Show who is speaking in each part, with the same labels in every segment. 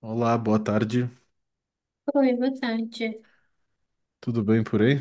Speaker 1: Olá, boa tarde.
Speaker 2: Oi, boa tarde.
Speaker 1: Tudo bem por aí?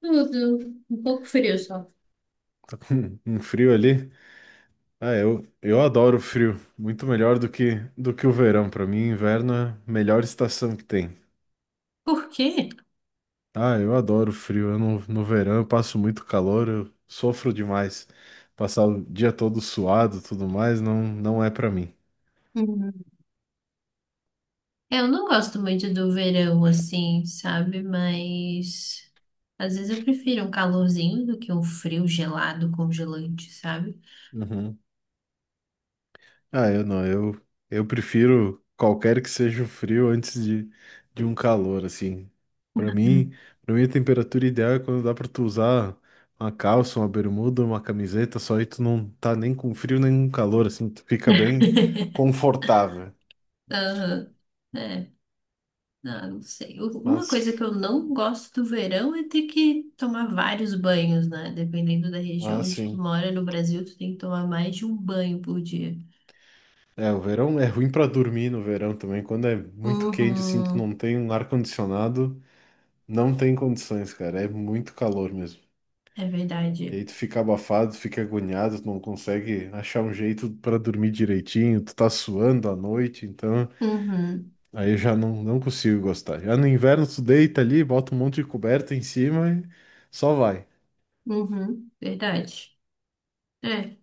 Speaker 2: Tudo um pouco frio só.
Speaker 1: Um frio ali? Ah, eu adoro frio. Muito melhor do que o verão. Para mim, inverno é a melhor estação que tem.
Speaker 2: Por quê?
Speaker 1: Ah, eu adoro frio. Eu no verão eu passo muito calor, eu sofro demais. Passar o dia todo suado, tudo mais, não é para mim.
Speaker 2: Hum. Eu não gosto muito do verão assim, sabe? Mas às vezes eu prefiro um calorzinho do que um frio gelado, congelante, sabe?
Speaker 1: Uhum. Ah, eu não, eu prefiro qualquer que seja o frio antes de um calor, assim. Pra mim, para mim a temperatura ideal é quando dá pra tu usar uma calça, uma bermuda, uma camiseta, só aí tu não tá nem com frio nem com calor, assim, tu fica bem confortável.
Speaker 2: Ah, é, ah, não sei. Uma coisa
Speaker 1: Mas,
Speaker 2: que eu não gosto do verão é ter que tomar vários banhos, né? Dependendo da região
Speaker 1: mas
Speaker 2: onde tu
Speaker 1: sim.
Speaker 2: mora, no Brasil, tu tem que tomar mais de um banho por dia.
Speaker 1: É, o verão é ruim pra dormir no verão também. Quando é muito quente, assim, tu
Speaker 2: Uhum,
Speaker 1: não tem um ar-condicionado, não tem condições, cara. É muito calor mesmo.
Speaker 2: é
Speaker 1: E
Speaker 2: verdade.
Speaker 1: aí tu fica abafado, fica agoniado, tu não consegue achar um jeito pra dormir direitinho, tu tá suando à noite, então
Speaker 2: Uhum.
Speaker 1: aí eu já não consigo gostar. Já no inverno tu deita ali, bota um monte de coberta em cima e só vai.
Speaker 2: Uhum, verdade. É,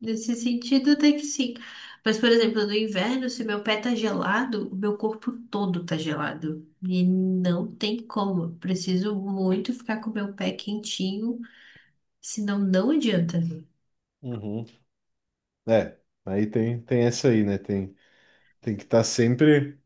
Speaker 2: nesse sentido até que sim. Mas, por exemplo, no inverno, se meu pé tá gelado, o meu corpo todo tá gelado. E não tem como. Eu preciso muito ficar com o meu pé quentinho, senão não adianta.
Speaker 1: Uhum. É, aí tem essa aí, né? Tem, tem que estar sempre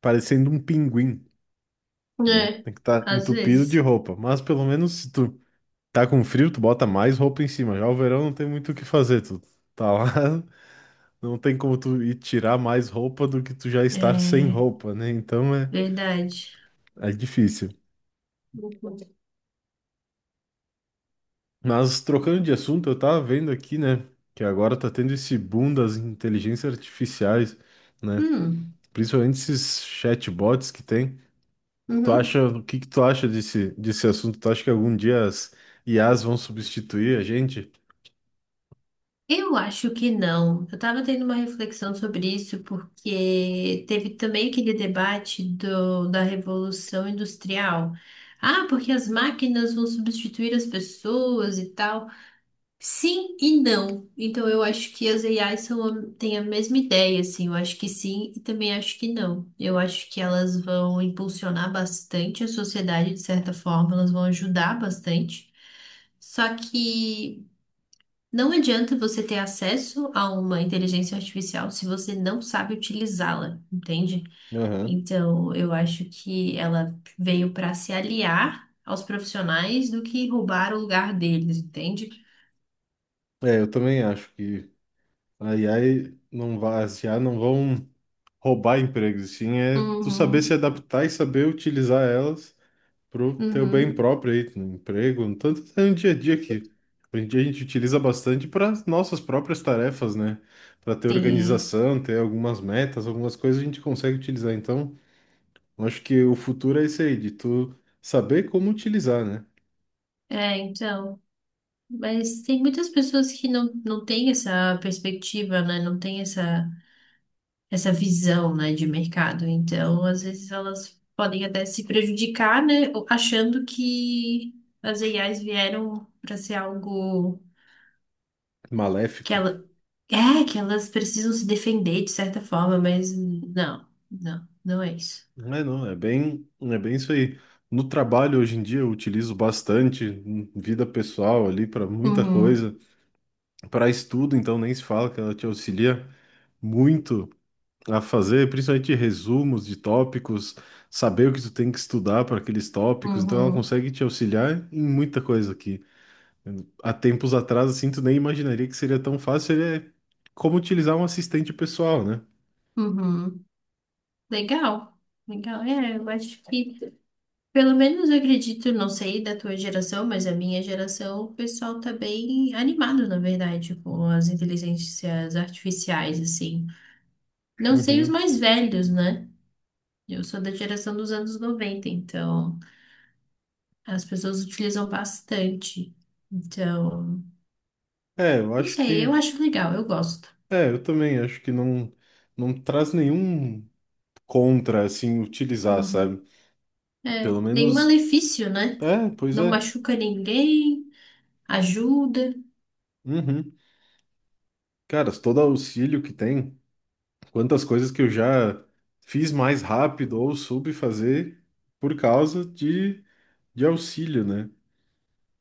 Speaker 1: parecendo um pinguim, né?
Speaker 2: É,
Speaker 1: Tem que estar
Speaker 2: às
Speaker 1: entupido de
Speaker 2: vezes.
Speaker 1: roupa, mas pelo menos se tu tá com frio, tu bota mais roupa em cima. Já o verão não tem muito o que fazer, tu tá lá. Não tem como tu ir tirar mais roupa do que tu já estar sem
Speaker 2: É,
Speaker 1: roupa, né? Então é,
Speaker 2: verdade.
Speaker 1: é difícil.
Speaker 2: Uhum.
Speaker 1: Mas trocando de assunto, eu tava vendo aqui, né? Que agora tá tendo esse boom das inteligências artificiais, né?
Speaker 2: Hum,
Speaker 1: Principalmente esses chatbots que tem. Tu
Speaker 2: uhum.
Speaker 1: acha, o que que tu acha desse assunto? Tu acha que algum dia as IAs vão substituir a gente?
Speaker 2: Eu acho que não. Eu estava tendo uma reflexão sobre isso porque teve também aquele debate da Revolução Industrial. Ah, porque as máquinas vão substituir as pessoas e tal. Sim e não. Então eu acho que as AIs são, têm a mesma ideia, assim. Eu acho que sim e também acho que não. Eu acho que elas vão impulsionar bastante a sociedade, de certa forma, elas vão ajudar bastante. Só que não adianta você ter acesso a uma inteligência artificial se você não sabe utilizá-la, entende?
Speaker 1: Aham.
Speaker 2: Então, eu acho que ela veio para se aliar aos profissionais do que roubar o lugar deles, entende?
Speaker 1: É, eu também acho que a IA não vai, as IA não vão roubar empregos, sim é tu saber se
Speaker 2: Uhum,
Speaker 1: adaptar e saber utilizar elas pro teu bem
Speaker 2: uhum,
Speaker 1: próprio aí, no emprego, no tanto até no dia a dia aqui. Hoje em dia a gente utiliza bastante para nossas próprias tarefas, né? Para ter
Speaker 2: sim.
Speaker 1: organização, ter algumas metas, algumas coisas a gente consegue utilizar. Então, eu acho que o futuro é isso aí, de tu saber como utilizar, né?
Speaker 2: É, então. Mas tem muitas pessoas que não, não têm essa perspectiva, né? Não têm essa visão, né, de mercado. Então, às vezes elas podem até se prejudicar, né, achando que as AIs vieram para ser algo que
Speaker 1: Maléfico.
Speaker 2: ela que elas precisam se defender de certa forma, mas não, não, não é isso.
Speaker 1: Não é não, é bem isso aí. No trabalho hoje em dia eu utilizo bastante, em vida pessoal ali para muita
Speaker 2: Uhum,
Speaker 1: coisa. Para estudo, então, nem se fala que ela te auxilia muito a fazer, principalmente resumos de tópicos, saber o que tu tem que estudar para aqueles tópicos. Então, ela
Speaker 2: uhum,
Speaker 1: consegue te auxiliar em muita coisa aqui. Há tempos atrás, assim, tu nem imaginaria que seria tão fácil. Ele é como utilizar um assistente pessoal, né?
Speaker 2: uhum. Legal, legal. É, eu acho que pelo menos eu acredito, não sei da tua geração, mas a minha geração, o pessoal tá bem animado, na verdade, com as inteligências artificiais, assim. Não sei os
Speaker 1: Uhum.
Speaker 2: mais velhos, né? Eu sou da geração dos anos 90, então as pessoas utilizam bastante. Então,
Speaker 1: É, eu
Speaker 2: não
Speaker 1: acho
Speaker 2: sei, eu
Speaker 1: que.
Speaker 2: acho legal, eu gosto.
Speaker 1: É, eu também acho que não, não traz nenhum contra, assim, utilizar,
Speaker 2: Uhum.
Speaker 1: sabe?
Speaker 2: É,
Speaker 1: Pelo
Speaker 2: nenhum
Speaker 1: menos.
Speaker 2: malefício, né?
Speaker 1: É, pois
Speaker 2: Não
Speaker 1: é.
Speaker 2: machuca ninguém, ajuda.
Speaker 1: Uhum. Cara, todo auxílio que tem, quantas coisas que eu já fiz mais rápido ou soube fazer por causa de auxílio, né?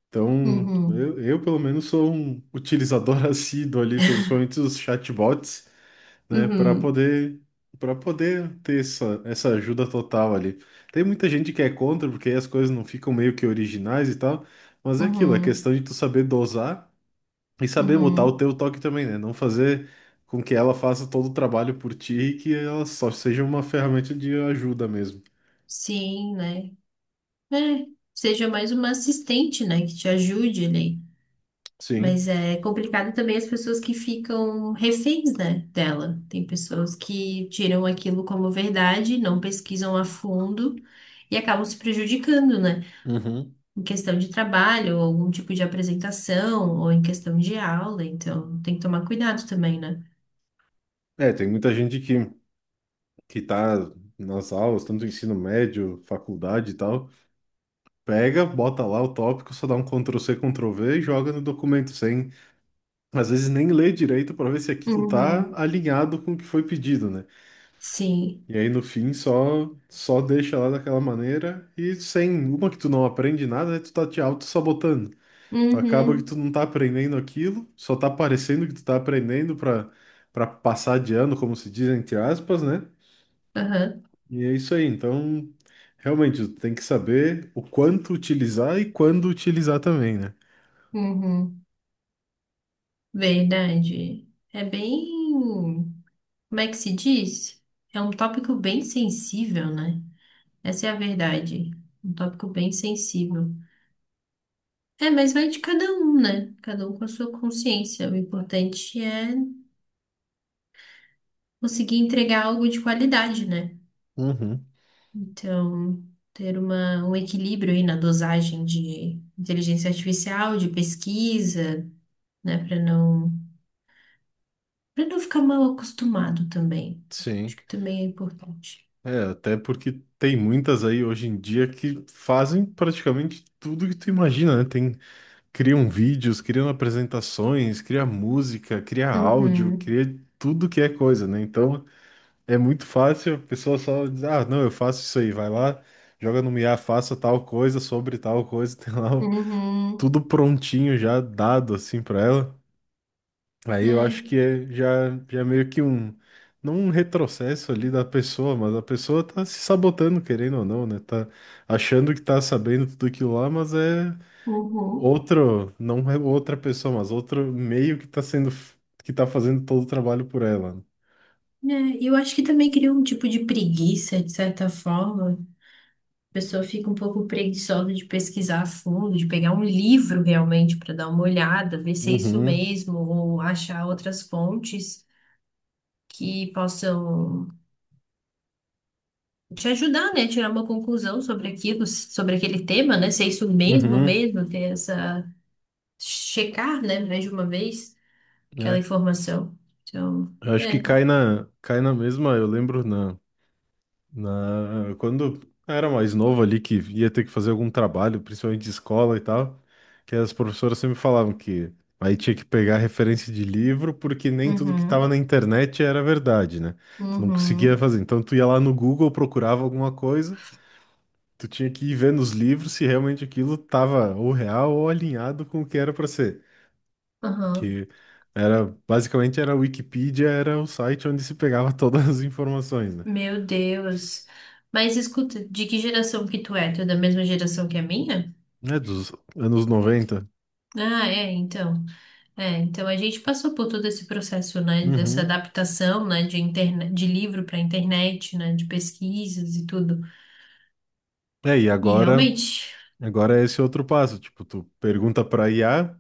Speaker 1: Então,
Speaker 2: Uhum,
Speaker 1: eu pelo menos sou um utilizador assíduo ali, principalmente os chatbots, né,
Speaker 2: uhum,
Speaker 1: para poder ter essa, essa ajuda total ali. Tem muita gente que é contra, porque aí as coisas não ficam meio que originais e tal, mas é aquilo, é
Speaker 2: uhum,
Speaker 1: questão de tu saber dosar e saber botar o
Speaker 2: uhum.
Speaker 1: teu toque também, né? Não fazer com que ela faça todo o trabalho por ti e que ela só seja uma ferramenta de ajuda mesmo.
Speaker 2: Sim, né? É, seja mais uma assistente, né, que te ajude ali. Mas
Speaker 1: Sim.
Speaker 2: é complicado também as pessoas que ficam reféns, né, dela. Tem pessoas que tiram aquilo como verdade, não pesquisam a fundo e acabam se prejudicando, né,
Speaker 1: Uhum.
Speaker 2: em questão de trabalho, ou algum tipo de apresentação, ou em questão de aula. Então, tem que tomar cuidado também, né?
Speaker 1: É, tem muita gente que tá nas aulas, tanto ensino médio, faculdade e tal, pega, bota lá o tópico, só dá um Ctrl+C, Ctrl+V e joga no documento, sem, às vezes, nem ler direito para ver se aquilo tá
Speaker 2: Uhum.
Speaker 1: alinhado com o que foi pedido, né?
Speaker 2: Sim.
Speaker 1: E aí no fim só deixa lá daquela maneira e sem uma que tu não aprende nada, né, tu tá te auto-sabotando. Tu acaba que tu
Speaker 2: Uhum.
Speaker 1: não tá aprendendo aquilo, só tá parecendo que tu tá aprendendo pra para passar de ano, como se diz entre aspas, né?
Speaker 2: Aham.
Speaker 1: E é isso aí. Então, realmente tu tem que saber o quanto utilizar e quando utilizar também, né?
Speaker 2: Uhum. Verdade. É bem. Como é que se diz? É um tópico bem sensível, né? Essa é a verdade. Um tópico bem sensível. É, mas vai de cada um, né? Cada um com a sua consciência. O importante é conseguir entregar algo de qualidade, né?
Speaker 1: Uhum,
Speaker 2: Então, ter uma, um equilíbrio aí na dosagem de inteligência artificial, de pesquisa, né? Para não ficar mal acostumado também. Acho
Speaker 1: sim.
Speaker 2: que também é importante.
Speaker 1: É, até porque tem muitas aí hoje em dia que fazem praticamente tudo que tu imagina, né? Tem criam vídeos, criam apresentações, cria música, cria áudio,
Speaker 2: Uhum,
Speaker 1: cria tudo que é coisa, né? Então é muito fácil a pessoa só dizer ah, não, eu faço isso aí, vai lá, joga no IA, faça tal coisa sobre tal coisa, tem lá o-
Speaker 2: uhum,
Speaker 1: tudo prontinho já dado assim para ela. Aí eu acho
Speaker 2: é,
Speaker 1: que é, já é meio que um, não um retrocesso ali da pessoa, mas a pessoa tá se sabotando, querendo ou não, né? Tá achando que tá sabendo tudo aquilo lá, mas é
Speaker 2: uhum.
Speaker 1: Outro, não é outra pessoa, mas outro meio que tá sendo, que tá fazendo todo o trabalho por ela.
Speaker 2: É, eu acho que também cria um tipo de preguiça, de certa forma. A pessoa fica um pouco preguiçosa de pesquisar a fundo, de pegar um livro realmente para dar uma olhada, ver se é isso
Speaker 1: Uhum,
Speaker 2: mesmo, ou achar outras fontes que possam te ajudar, né, a tirar uma conclusão sobre aquilo, sobre aquele tema, né, se é isso mesmo,
Speaker 1: uhum,
Speaker 2: mesmo, ter essa checar, né, mais de uma vez aquela
Speaker 1: né?
Speaker 2: informação. Então,
Speaker 1: Eu acho que
Speaker 2: é.
Speaker 1: cai na mesma, eu lembro na, na, quando eu era mais novo ali, que ia ter que fazer algum trabalho, principalmente de escola e tal, que as professoras sempre falavam que aí tinha que pegar referência de livro, porque nem tudo que tava na
Speaker 2: Uhum,
Speaker 1: internet era verdade, né? Tu não conseguia
Speaker 2: uhum,
Speaker 1: fazer. Então tu ia lá no Google, procurava alguma coisa, tu tinha que ir ver nos livros se realmente aquilo tava ou real ou alinhado com o que era para ser.
Speaker 2: aham.
Speaker 1: Que era basicamente era a Wikipedia, era o site onde se pegava todas as informações, né?
Speaker 2: Meu Deus. Mas escuta, de que geração que tu é? Tu é da mesma geração que a minha?
Speaker 1: É dos anos 90.
Speaker 2: Ah, é, então. É, então a gente passou por todo esse processo, né, dessa
Speaker 1: Uhum.
Speaker 2: adaptação, né, de internet, de livro para internet, né, de pesquisas e tudo.
Speaker 1: É, e
Speaker 2: E
Speaker 1: agora,
Speaker 2: realmente,
Speaker 1: agora é esse outro passo, tipo, tu pergunta para IA,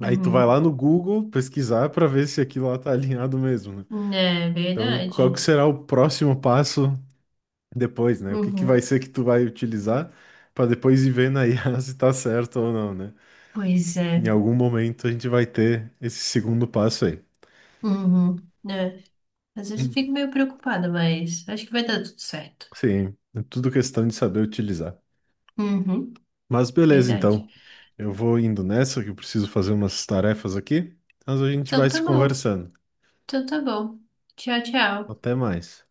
Speaker 1: aí tu vai lá
Speaker 2: uhum,
Speaker 1: no Google pesquisar para ver se aquilo lá tá alinhado mesmo, né?
Speaker 2: é
Speaker 1: Então, qual que
Speaker 2: verdade.
Speaker 1: será o próximo passo depois, né? O que que vai
Speaker 2: Uhum,
Speaker 1: ser que tu vai utilizar para depois ir vendo aí se tá certo ou não, né?
Speaker 2: pois
Speaker 1: Em
Speaker 2: é.
Speaker 1: algum momento a gente vai ter esse segundo passo aí.
Speaker 2: Uhum, né. Às vezes eu
Speaker 1: Hum.
Speaker 2: fico meio preocupada, mas acho que vai dar tudo certo.
Speaker 1: Sim, é tudo questão de saber utilizar.
Speaker 2: Uhum,
Speaker 1: Mas beleza,
Speaker 2: verdade.
Speaker 1: então. Eu vou indo nessa, que eu preciso fazer umas tarefas aqui, mas a gente vai
Speaker 2: Então tá
Speaker 1: se
Speaker 2: bom.
Speaker 1: conversando.
Speaker 2: Então tá bom. Tchau, tchau.
Speaker 1: Até mais.